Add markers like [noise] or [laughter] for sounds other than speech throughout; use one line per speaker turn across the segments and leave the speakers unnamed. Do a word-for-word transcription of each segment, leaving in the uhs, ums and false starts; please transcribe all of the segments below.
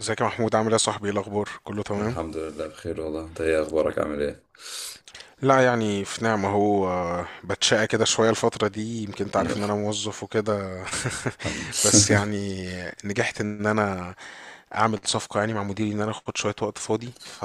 ازيك يا محمود؟ عامل ايه يا صاحبي؟ ايه الاخبار؟ كله تمام؟
الحمد لله بخير والله. انت ايه اخبارك؟ عامل ايه؟
لا، يعني في نعمة. هو آه، بتشقى كده شوية الفترة دي. يمكن انت عارف ان انا موظف وكده.
الحمد
[laughs] بس يعني نجحت ان انا اعمل صفقة يعني مع مديري، ان انا اخد شوية وقت فاضي. ف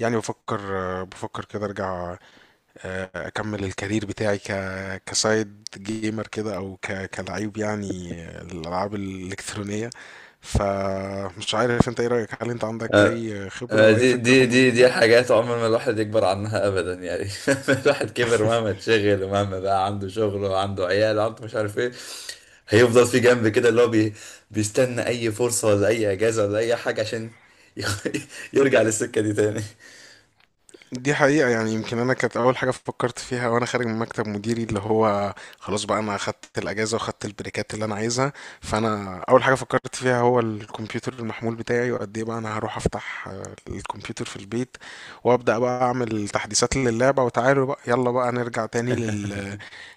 يعني بفكر آه، بفكر كده ارجع، آه، اكمل الكارير بتاعي ك كسايد جيمر كده، او ك كلعيب يعني، آه، الالعاب الالكترونية. فمش عارف انت، ايه رأيك؟ هل انت
[laughs]
عندك
آه،
اي خبرة
آه،
او اي
دي
فكرة في
دي دي
الموضوع
دي
ده؟
حاجات عمر ما الواحد يكبر عنها ابدا يعني. [laughs] الواحد كبر مهما اتشغل ومهما بقى عنده شغل وعنده عيال وعنده مش عارف ايه. هيفضل في جنب كده اللي هو بي بيستنى اي فرصة ولا اي اجازة ولا اي حاجة عشان ي- [laughs] يرجع للسكة دي تاني.
دي حقيقة، يعني يمكن أنا كانت أول حاجة فكرت فيها وأنا خارج من مكتب مديري، اللي هو خلاص بقى أنا أخدت الأجازة وأخدت البريكات اللي أنا عايزها. فأنا أول حاجة فكرت فيها هو الكمبيوتر المحمول بتاعي، وقد إيه بقى أنا هروح أفتح آه، الكمبيوتر في البيت، وأبدأ بقى أعمل تحديثات للعبة. وتعالوا بقى يلا بقى نرجع تاني
[laughs]
لل...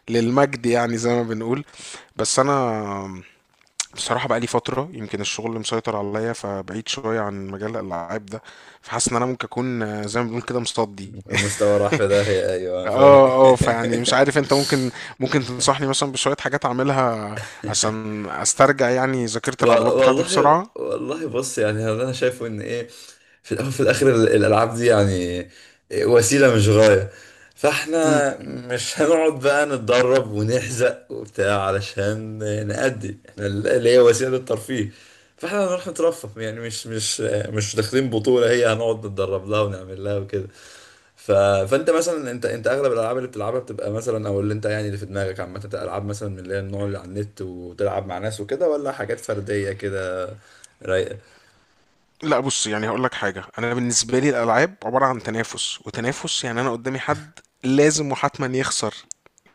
للمجد يعني، زي ما بنقول. بس أنا بصراحة بقى لي فترة يمكن الشغل مسيطر عليا، فبعيد شوية عن مجال الألعاب ده. فحاسس إن أنا ممكن أكون آه، زي ما بنقول كده مصدي.
المستوى راح
[laughs]
في داهية، ايوه فاهم.
اه اه، فيعني مش عارف انت، ممكن ممكن تنصحني مثلا بشوية حاجات اعملها
[laughs]
عشان استرجع يعني ذاكرة
و-
العضلات بتاعتي
والله
بسرعة.
والله، بص يعني هذا انا شايفه ان ايه. في الاول وفي الاخر ال- الالعاب دي يعني وسيله مش غايه،
امم.
فاحنا مش هنقعد بقى نتدرب ونحزق وبتاع علشان نأدي احنا اللي هي وسيله الترفيه. فاحنا هنروح نترفه، يعني مش مش مش داخلين بطولة هي هنقعد نتدرب لها ونعمل لها وكده. ف... فانت مثلا انت انت اغلب الالعاب اللي بتلعبها بتبقى مثلا، او اللي انت يعني اللي في دماغك عامة، انت العاب مثلا من اللي هي النوع اللي على النت وتلعب مع ناس وكده، ولا حاجات فردية كده رايقة؟
لا بص، يعني هقول لك حاجة. انا بالنسبة لي الالعاب عبارة عن تنافس وتنافس. يعني انا قدامي حد لازم وحتما يخسر،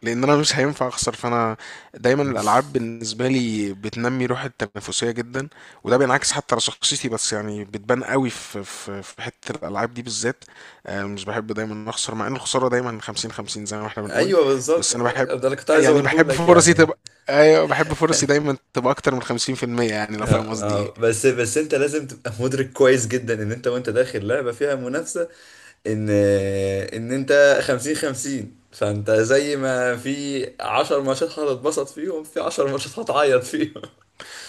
لان انا مش هينفع اخسر. فانا دايما الالعاب
[laughs]
بالنسبه لي بتنمي روح التنافسيه جدا، وده بينعكس حتى على شخصيتي. بس يعني بتبان قوي في في في حته الالعاب دي بالذات. آه، مش بحب دايما اخسر، مع ان الخساره دايما خمسين خمسين زي ما احنا بنقول.
ايوه بالظبط،
بس انا بحب،
ده اللي كنت عايز
يعني
اقوله
بحب
لك
فرصي
يعني.
تبقى، ايوه بحب فرصي دايما تبقى اكتر من خمسين بالمية. يعني لو
آه،
فاهم قصدي ايه.
آه، بس بس انت لازم تبقى مدرك كويس جدا ان انت وانت داخل لعبة فيها منافسة، ان ان انت خمسين خمسين. فانت زي ما في عشر ماتشات هتتبسط فيهم، في عشر ماتشات هتعيط فيهم.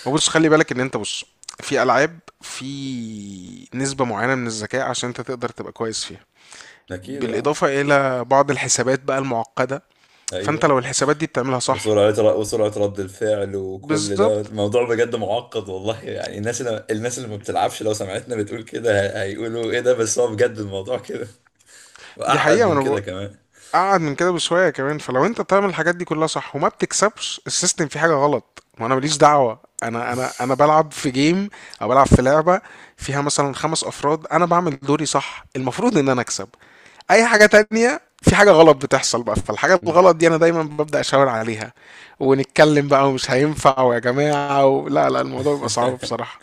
ما بص، خلي بالك ان انت، بص، في العاب في نسبه معينه من الذكاء عشان انت تقدر تبقى كويس فيها،
[laughs] اكيد اه.
بالإضافة إلى بعض الحسابات بقى المعقدة. فأنت
ايوه
لو الحسابات دي بتعملها صح...
وسرعة ر- وسرعة رد الفعل وكل ده،
بالظبط.
الموضوع بجد معقد والله، يعني الناس اللي الناس اللي ما بتلعبش لو سمعتنا بتقول كده هي- هيقولوا ايه ده، بس هو بجد الموضوع كده
دي حقيقة،
وأعقد
ما
من
أنا
كده
بقول.
كمان.
أقعد من كده بشوية كمان. فلو أنت بتعمل الحاجات دي كلها صح وما بتكسبش، السيستم فيه حاجة غلط. وأنا ماليش دعوة، أنا أنا أنا بلعب في جيم أو بلعب في لعبة فيها مثلا خمس أفراد. أنا بعمل دوري صح، المفروض إن أنا أكسب. أي حاجة تانية، في حاجة غلط بتحصل بقى. فالحاجة الغلط دي أنا دايما ببدأ أشاور عليها، ونتكلم بقى، ومش هينفع ويا جماعة و... لا لا، الموضوع بيبقى صعب
[laughs]
بصراحة.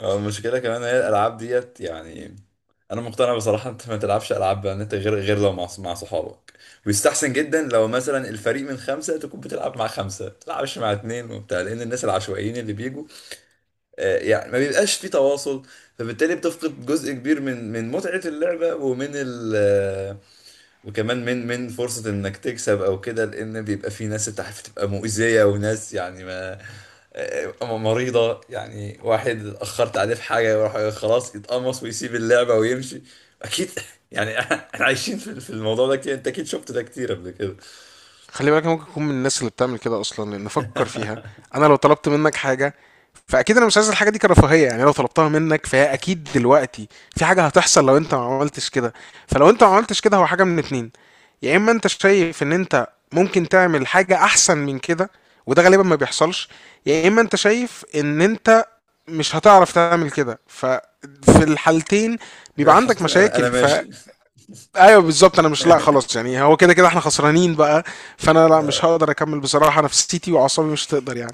اه، المشكلة كمان هي الألعاب ديت، يعني أنا مقتنع بصراحة أنت ما تلعبش ألعاب بأن أنت غير غير لو مع مع صحابك. ويستحسن جدا لو مثلا الفريق من خمسة تكون بتلعب مع خمسة، ما تلعبش مع اتنين وبتاع، لأن الناس العشوائيين اللي بيجوا آه، يعني ما بيبقاش في تواصل. فبالتالي بتفقد جزء كبير من من متعة اللعبة ومن ال آه، وكمان من من فرصة انك تكسب او كده، لان بيبقى في ناس انت عارف تبقى مؤذية وناس يعني ما آه، مريضة، يعني واحد اتأخرت عليه في حاجة يروح خلاص يتقمص ويسيب اللعبة ويمشي. اكيد. [laughs] يعني احنا عايشين في في الموضوع ده كتير، انت اكيد شفت ده كتير قبل كده. [laughs]
خلي بالك أنا ممكن اكون من الناس اللي بتعمل كده اصلا. لان فكر فيها، انا لو طلبت منك حاجه، فاكيد انا مش عايز الحاجه دي كرفاهيه. يعني لو طلبتها منك فهي اكيد دلوقتي في حاجه هتحصل لو انت ما عملتش كده. فلو انت ما عملتش كده، هو حاجه من اتنين: يا اما انت شايف ان انت ممكن تعمل حاجه احسن من كده، وده غالبا ما بيحصلش، يا اما انت شايف ان انت مش هتعرف تعمل كده. ففي الحالتين بيبقى عندك
حسيت إن انا انا
مشاكل.
ماشي.
ايوه بالظبط. انا مش، لا
[laughs]
خلاص، يعني هو كده كده احنا خسرانين بقى. فانا لا، مش هقدر اكمل بصراحه. نفسيتي واعصابي مش هتقدر يعني.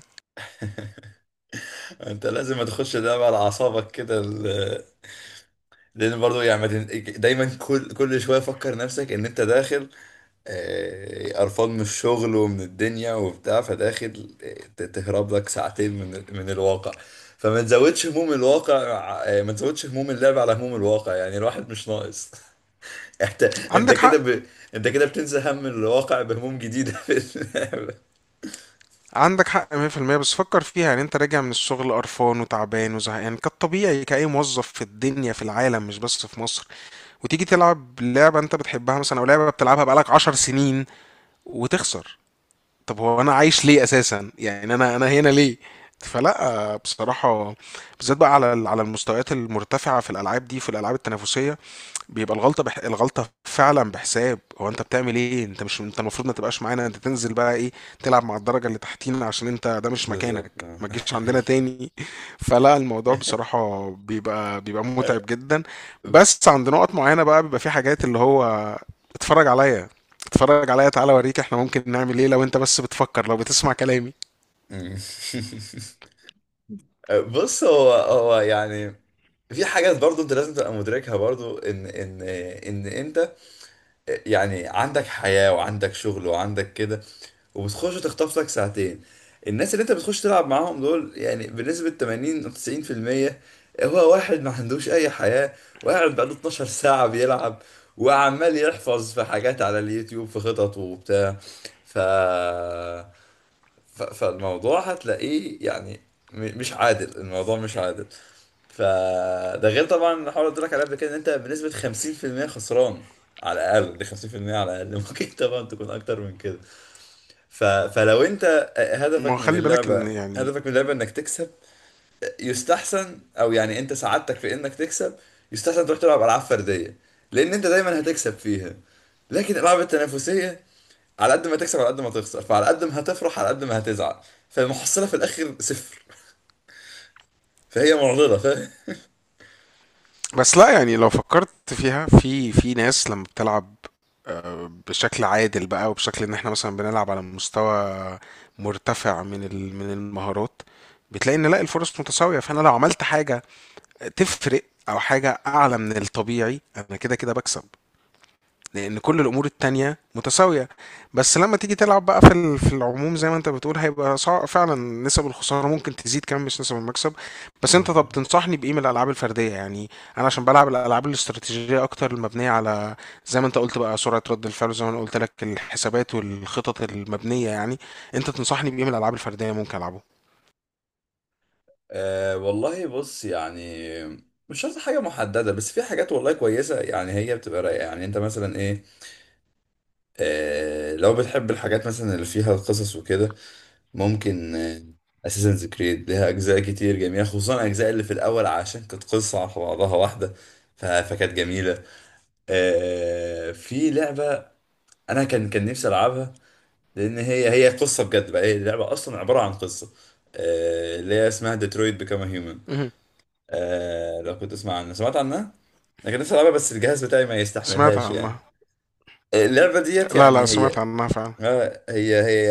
انت لازم ما تخش اللعبة على اعصابك كده، ال- لان برضو يعني ما تن- دايما كل كل شويه فكر نفسك ان انت داخل آه، قرفان من الشغل ومن الدنيا وبتاع، فداخل آه، ت- تهرب لك ساعتين من من الواقع. فما تزودش هموم الواقع، آه، ما تزودش هموم اللعب على هموم الواقع، يعني الواحد مش ناقص. [laughs] انت انت
عندك
كده
حق.
ب... انت كده بتنسى هم الواقع بهموم جديدة [laughs] في اللعبة.
عندك حق مية في المية. بس فكر فيها يعني. انت راجع من الشغل قرفان وتعبان وزهقان، كالطبيعي كأي موظف في الدنيا في العالم مش بس في مصر، وتيجي تلعب لعبه انت بتحبها مثلا، او لعبه بتلعبها بقالك عشر سنين، وتخسر. طب هو انا عايش ليه اساسا؟ يعني انا انا هنا ليه؟ فلا بصراحه، بالذات بقى على على المستويات المرتفعه في الالعاب دي، في الالعاب التنافسيه، بيبقى الغلطة بح... الغلطة فعلا بحساب. هو انت بتعمل ايه؟ انت مش، انت المفروض ما تبقاش معانا. انت تنزل بقى، ايه، تلعب مع الدرجة اللي تحتينا، عشان انت ده مش
بالظبط.
مكانك،
آه،
ما تجيش عندنا
أي.
تاني. [laughs] فلا الموضوع
[laughs]
بصراحة بيبقى بيبقى متعب جدا. بس عند نقط معينة بقى بيبقى في حاجات، اللي هو اتفرج عليا، اتفرج عليا، تعالى اوريك احنا ممكن نعمل ايه، لو انت بس بتفكر، لو بتسمع كلامي.
أمم. بص هو هو يعني في حاجات برضو انت لازم تبقى مدركها، برضو ان ان ان انت يعني عندك حياة وعندك شغل وعندك كده، وبتخش تخطف لك ساعتين. الناس اللي انت بتخش تلعب معاهم دول يعني بنسبة ثمانين او تسعين بالمية، هو واحد ما عندوش اي حياة وقاعد بقاله اتناشر ساعة بيلعب، وعمال يحفظ في حاجات على اليوتيوب في خطط وبتاع. ف... ف... فالموضوع هتلاقيه يعني م- مش عادل، الموضوع مش عادل. فده غير طبعا الحوار اللي قلت لك عليه قبل كده، ان انت بنسبة خمسين في المية خسران على الاقل. دي خمسين بالمية على الاقل. [laughs] ممكن طبعا تكون اكتر من كده. ف... فلو انت
ما هو
هدفك من
خلي بالك ان
اللعبة
يعني،
هدفك من اللعبة انك تكسب، يستحسن، او يعني انت سعادتك في انك تكسب، يستحسن تروح تلعب العاب فردية لان انت دايما هتكسب فيها. لكن الالعاب التنافسية، على قد ما تكسب على قد ما تخسر، فعلى قد ما هتفرح على قد ما هتزعل، فالمحصلة في الاخر صفر، فهي معضلة.
بس لا يعني لو فكرت فيها، في في ناس لما بتلعب آه، بشكل عادل بقى، وبشكل ان احنا مثلا بنلعب على مستوى مرتفع من ال- من المهارات، بتلاقي ان لا، الفرص متساوية. فانا لو عملت حاجة تفرق، او حاجة اعلى من الطبيعي، انا كده كده بكسب، لان كل الامور التانية متساوية. بس لما تيجي تلعب بقى في ال- في العموم، زي ما انت بتقول هيبقى صعب فعلا. نسب الخسارة ممكن تزيد كمان، مش نسب المكسب. بس انت طب
فاهم؟
تنصحني بايه من الالعاب الفردية يعني؟ انا عشان بلعب الالعاب الاستراتيجية اكتر، المبنية على، زي ما انت قلت بقى، سرعة رد الفعل، زي ما انا قلت لك، الحسابات والخطط المبنية يعني. انت تنصحني بايه من الالعاب الفردية ممكن العبه؟
أه والله بص يعني مش شرط حاجة محددة، بس في حاجات والله كويسة، يعني هي بتبقى رايقة، يعني انت مثلا ايه. أه لو بتحب الحاجات مثلا اللي فيها القصص وكده، ممكن اساسنز كريد ليها اجزاء كتير جميلة، خصوصا الاجزاء اللي في الاول عشان كانت قصة على بعضها واحدة ف- فكانت جميلة. أه في لعبة انا كان كان نفسي العبها لان هي هي قصة بجد بقى، هي اللعبة اصلا عبارة عن قصة، أه اللي هي اسمها ديترويت بيكام هيومن.
مهم.
آه لو كنت تسمع عنها، سمعت عنها. انا كان نفسي العبها بس الجهاز بتاعي ما
سمعت
يستحملهاش يعني.
عنها.
آه، اللعبه ديت
لا لا،
يعني
سمعت
هي
عنها فعلا.
آه، هي هي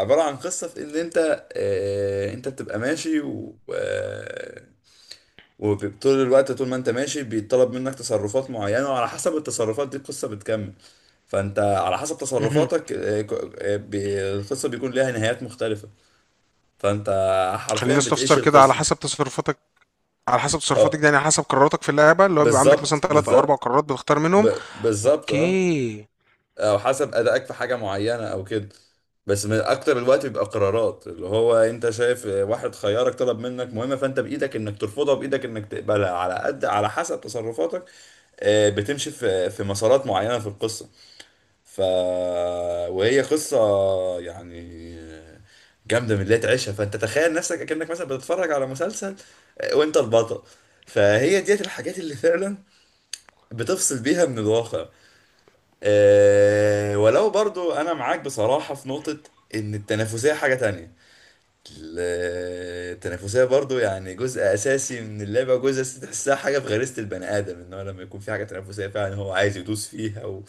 عباره عن قصه في ان انت آه، انت بتبقى ماشي، و آه، وطول الوقت طول ما انت ماشي بيطلب منك تصرفات معينة، وعلى حسب التصرفات دي القصة بتكمل، فانت على حسب
مهم.
تصرفاتك آه، ك- آه، بي- القصة بيكون لها نهايات مختلفة، فانت حرفيا
خليني
بتعيش
استفسر كده، على
القصة.
حسب تصرفاتك؟ على حسب تصرفاتك
اه،
دي يعني على حسب قراراتك في اللعبة، اللي هو بيبقى عندك مثلا
بالظبط
ثلاث أو أربع
بالظبط.
قرارات بتختار
ب...
منهم؟
بالظبط اه.
أوكي.
او حسب ادائك في حاجه معينه او كده، بس من اكتر الوقت بيبقى قرارات اللي هو انت شايف واحد خيارك طلب منك مهمه، فانت بايدك انك ترفضها بايدك انك تقبلها، على قد على حسب تصرفاتك آه، بتمشي في في مسارات معينه في القصه. ف وهي قصه يعني جامده من اللي هي تعيشها، فانت تخيل نفسك اكنك مثلا بتتفرج على مسلسل آه، وانت البطل، فهي ديت الحاجات اللي فعلا بتفصل بيها من الواقع. أه ولو برضو انا معاك بصراحة في نقطة، ان التنافسية حاجة تانية. ال- التنافسية برضو يعني جزء اساسي من اللعبة، جزء اساسي تحسها حاجة في غريزة البني ادم ان هو لما يكون في حاجة تنافسية فعلا هو عايز يدوس فيها و...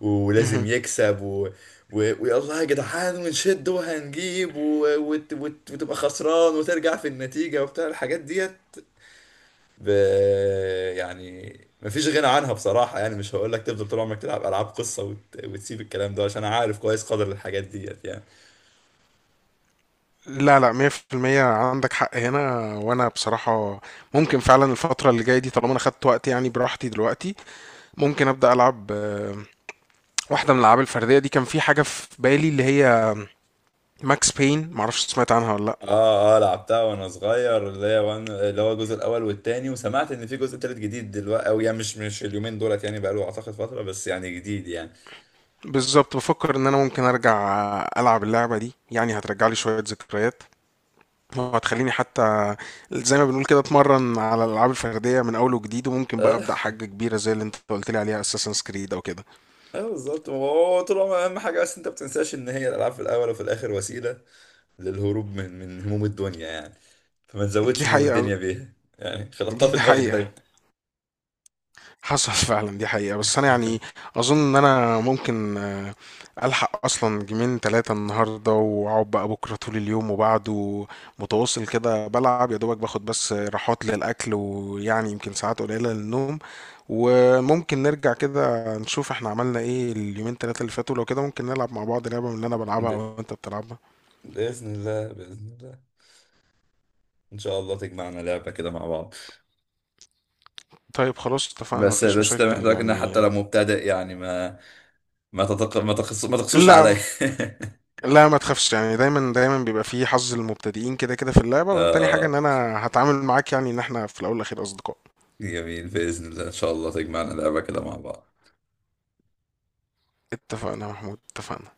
ولازم
مهم.
يكسب و... و... ويلا يا جدعان ونشد وهنجيب و... وت... وت... وتبقى خسران وترجع في النتيجة وبتاع الحاجات ديت. ب... يعني مفيش غنى عنها بصراحة، يعني مش هقول لك تفضل طول عمرك تلعب ألعاب قصة وت... وتسيب الكلام ده، عشان أنا عارف كويس قدر الحاجات ديت يعني.
لا لا، مية في المية. عندك حق هنا. وأنا بصراحة ممكن فعلا الفترة اللي جاية دي، طالما أنا خدت وقت يعني براحتي دلوقتي، ممكن أبدأ ألعب آه، واحدة من الألعاب الفردية دي. كان في حاجة في بالي اللي هي ماكس بين، معرفش سمعت عنها ولا لأ.
اه اه، لعبتها وانا صغير اللي هي وان... اللي هو الجزء الاول والتاني، وسمعت ان في جزء تالت جديد دلوقتي، او يعني مش مش اليومين دولت يعني بقاله اعتقد فترة بس يعني جديد يعني.
بالظبط، بفكر إن أنا ممكن أرجع ألعب اللعبة دي، يعني هترجع لي شوية ذكريات، وهتخليني حتى زي ما بنقول كده اتمرن على الالعاب الفرديه من اول وجديد. وممكن بقى
اه,
ابدا حاجه كبيره زي اللي انت قلت لي عليها، اساسن كريد او كده.
آه بالظبط. هو طول عمرك اهم حاجة، بس انت ما بتنساش ان هي الالعاب في الاول وفي الاخر وسيلة للهروب من من هموم الدنيا، يعني فما
دي
تزودش هموم
حقيقه.
الدنيا بيها، يعني خلطها في
دي
دماغك
حقيقه.
دايما.
حصل [laughs] فعلا. دي حقيقة، بس أنا يعني أظن إن أنا ممكن آه، ألحق أصلا جيمين تلاتة النهاردة، وأقعد بقى بكرة طول اليوم وبعده متواصل كده بلعب، يا دوبك باخد بس راحات للأكل، ويعني يمكن ساعات قليلة للنوم. وممكن نرجع كده نشوف احنا عملنا ايه اليومين تلاتة اللي فاتوا. لو كده ممكن نلعب مع بعض لعبة، من اللي أنا بلعبها أو أنت بتلعبها.
بإذن الله، بإذن الله، إن شاء الله تجمعنا لعبة كده مع بعض.
طيب خلاص، اتفقنا،
بس
مفيش
بس ده
مشاكل
محتاج إن حتى
يعني.
لو مبتدئ يعني ما ما تتق... ما تقص... ما تقصوش
لا.
عليا. [laughs]
لا ما تخافش يعني، دايما دايما بيبقى فيه حظ المبتدئين كده كده في اللعبة، وتاني حاجة
آه
ان انا هتعامل معاك يعني ان احنا في الاول والاخير اصدقاء.
جميل، بإذن الله إن شاء الله تجمعنا لعبة كده مع بعض.
اتفقنا يا محمود، اتفقنا.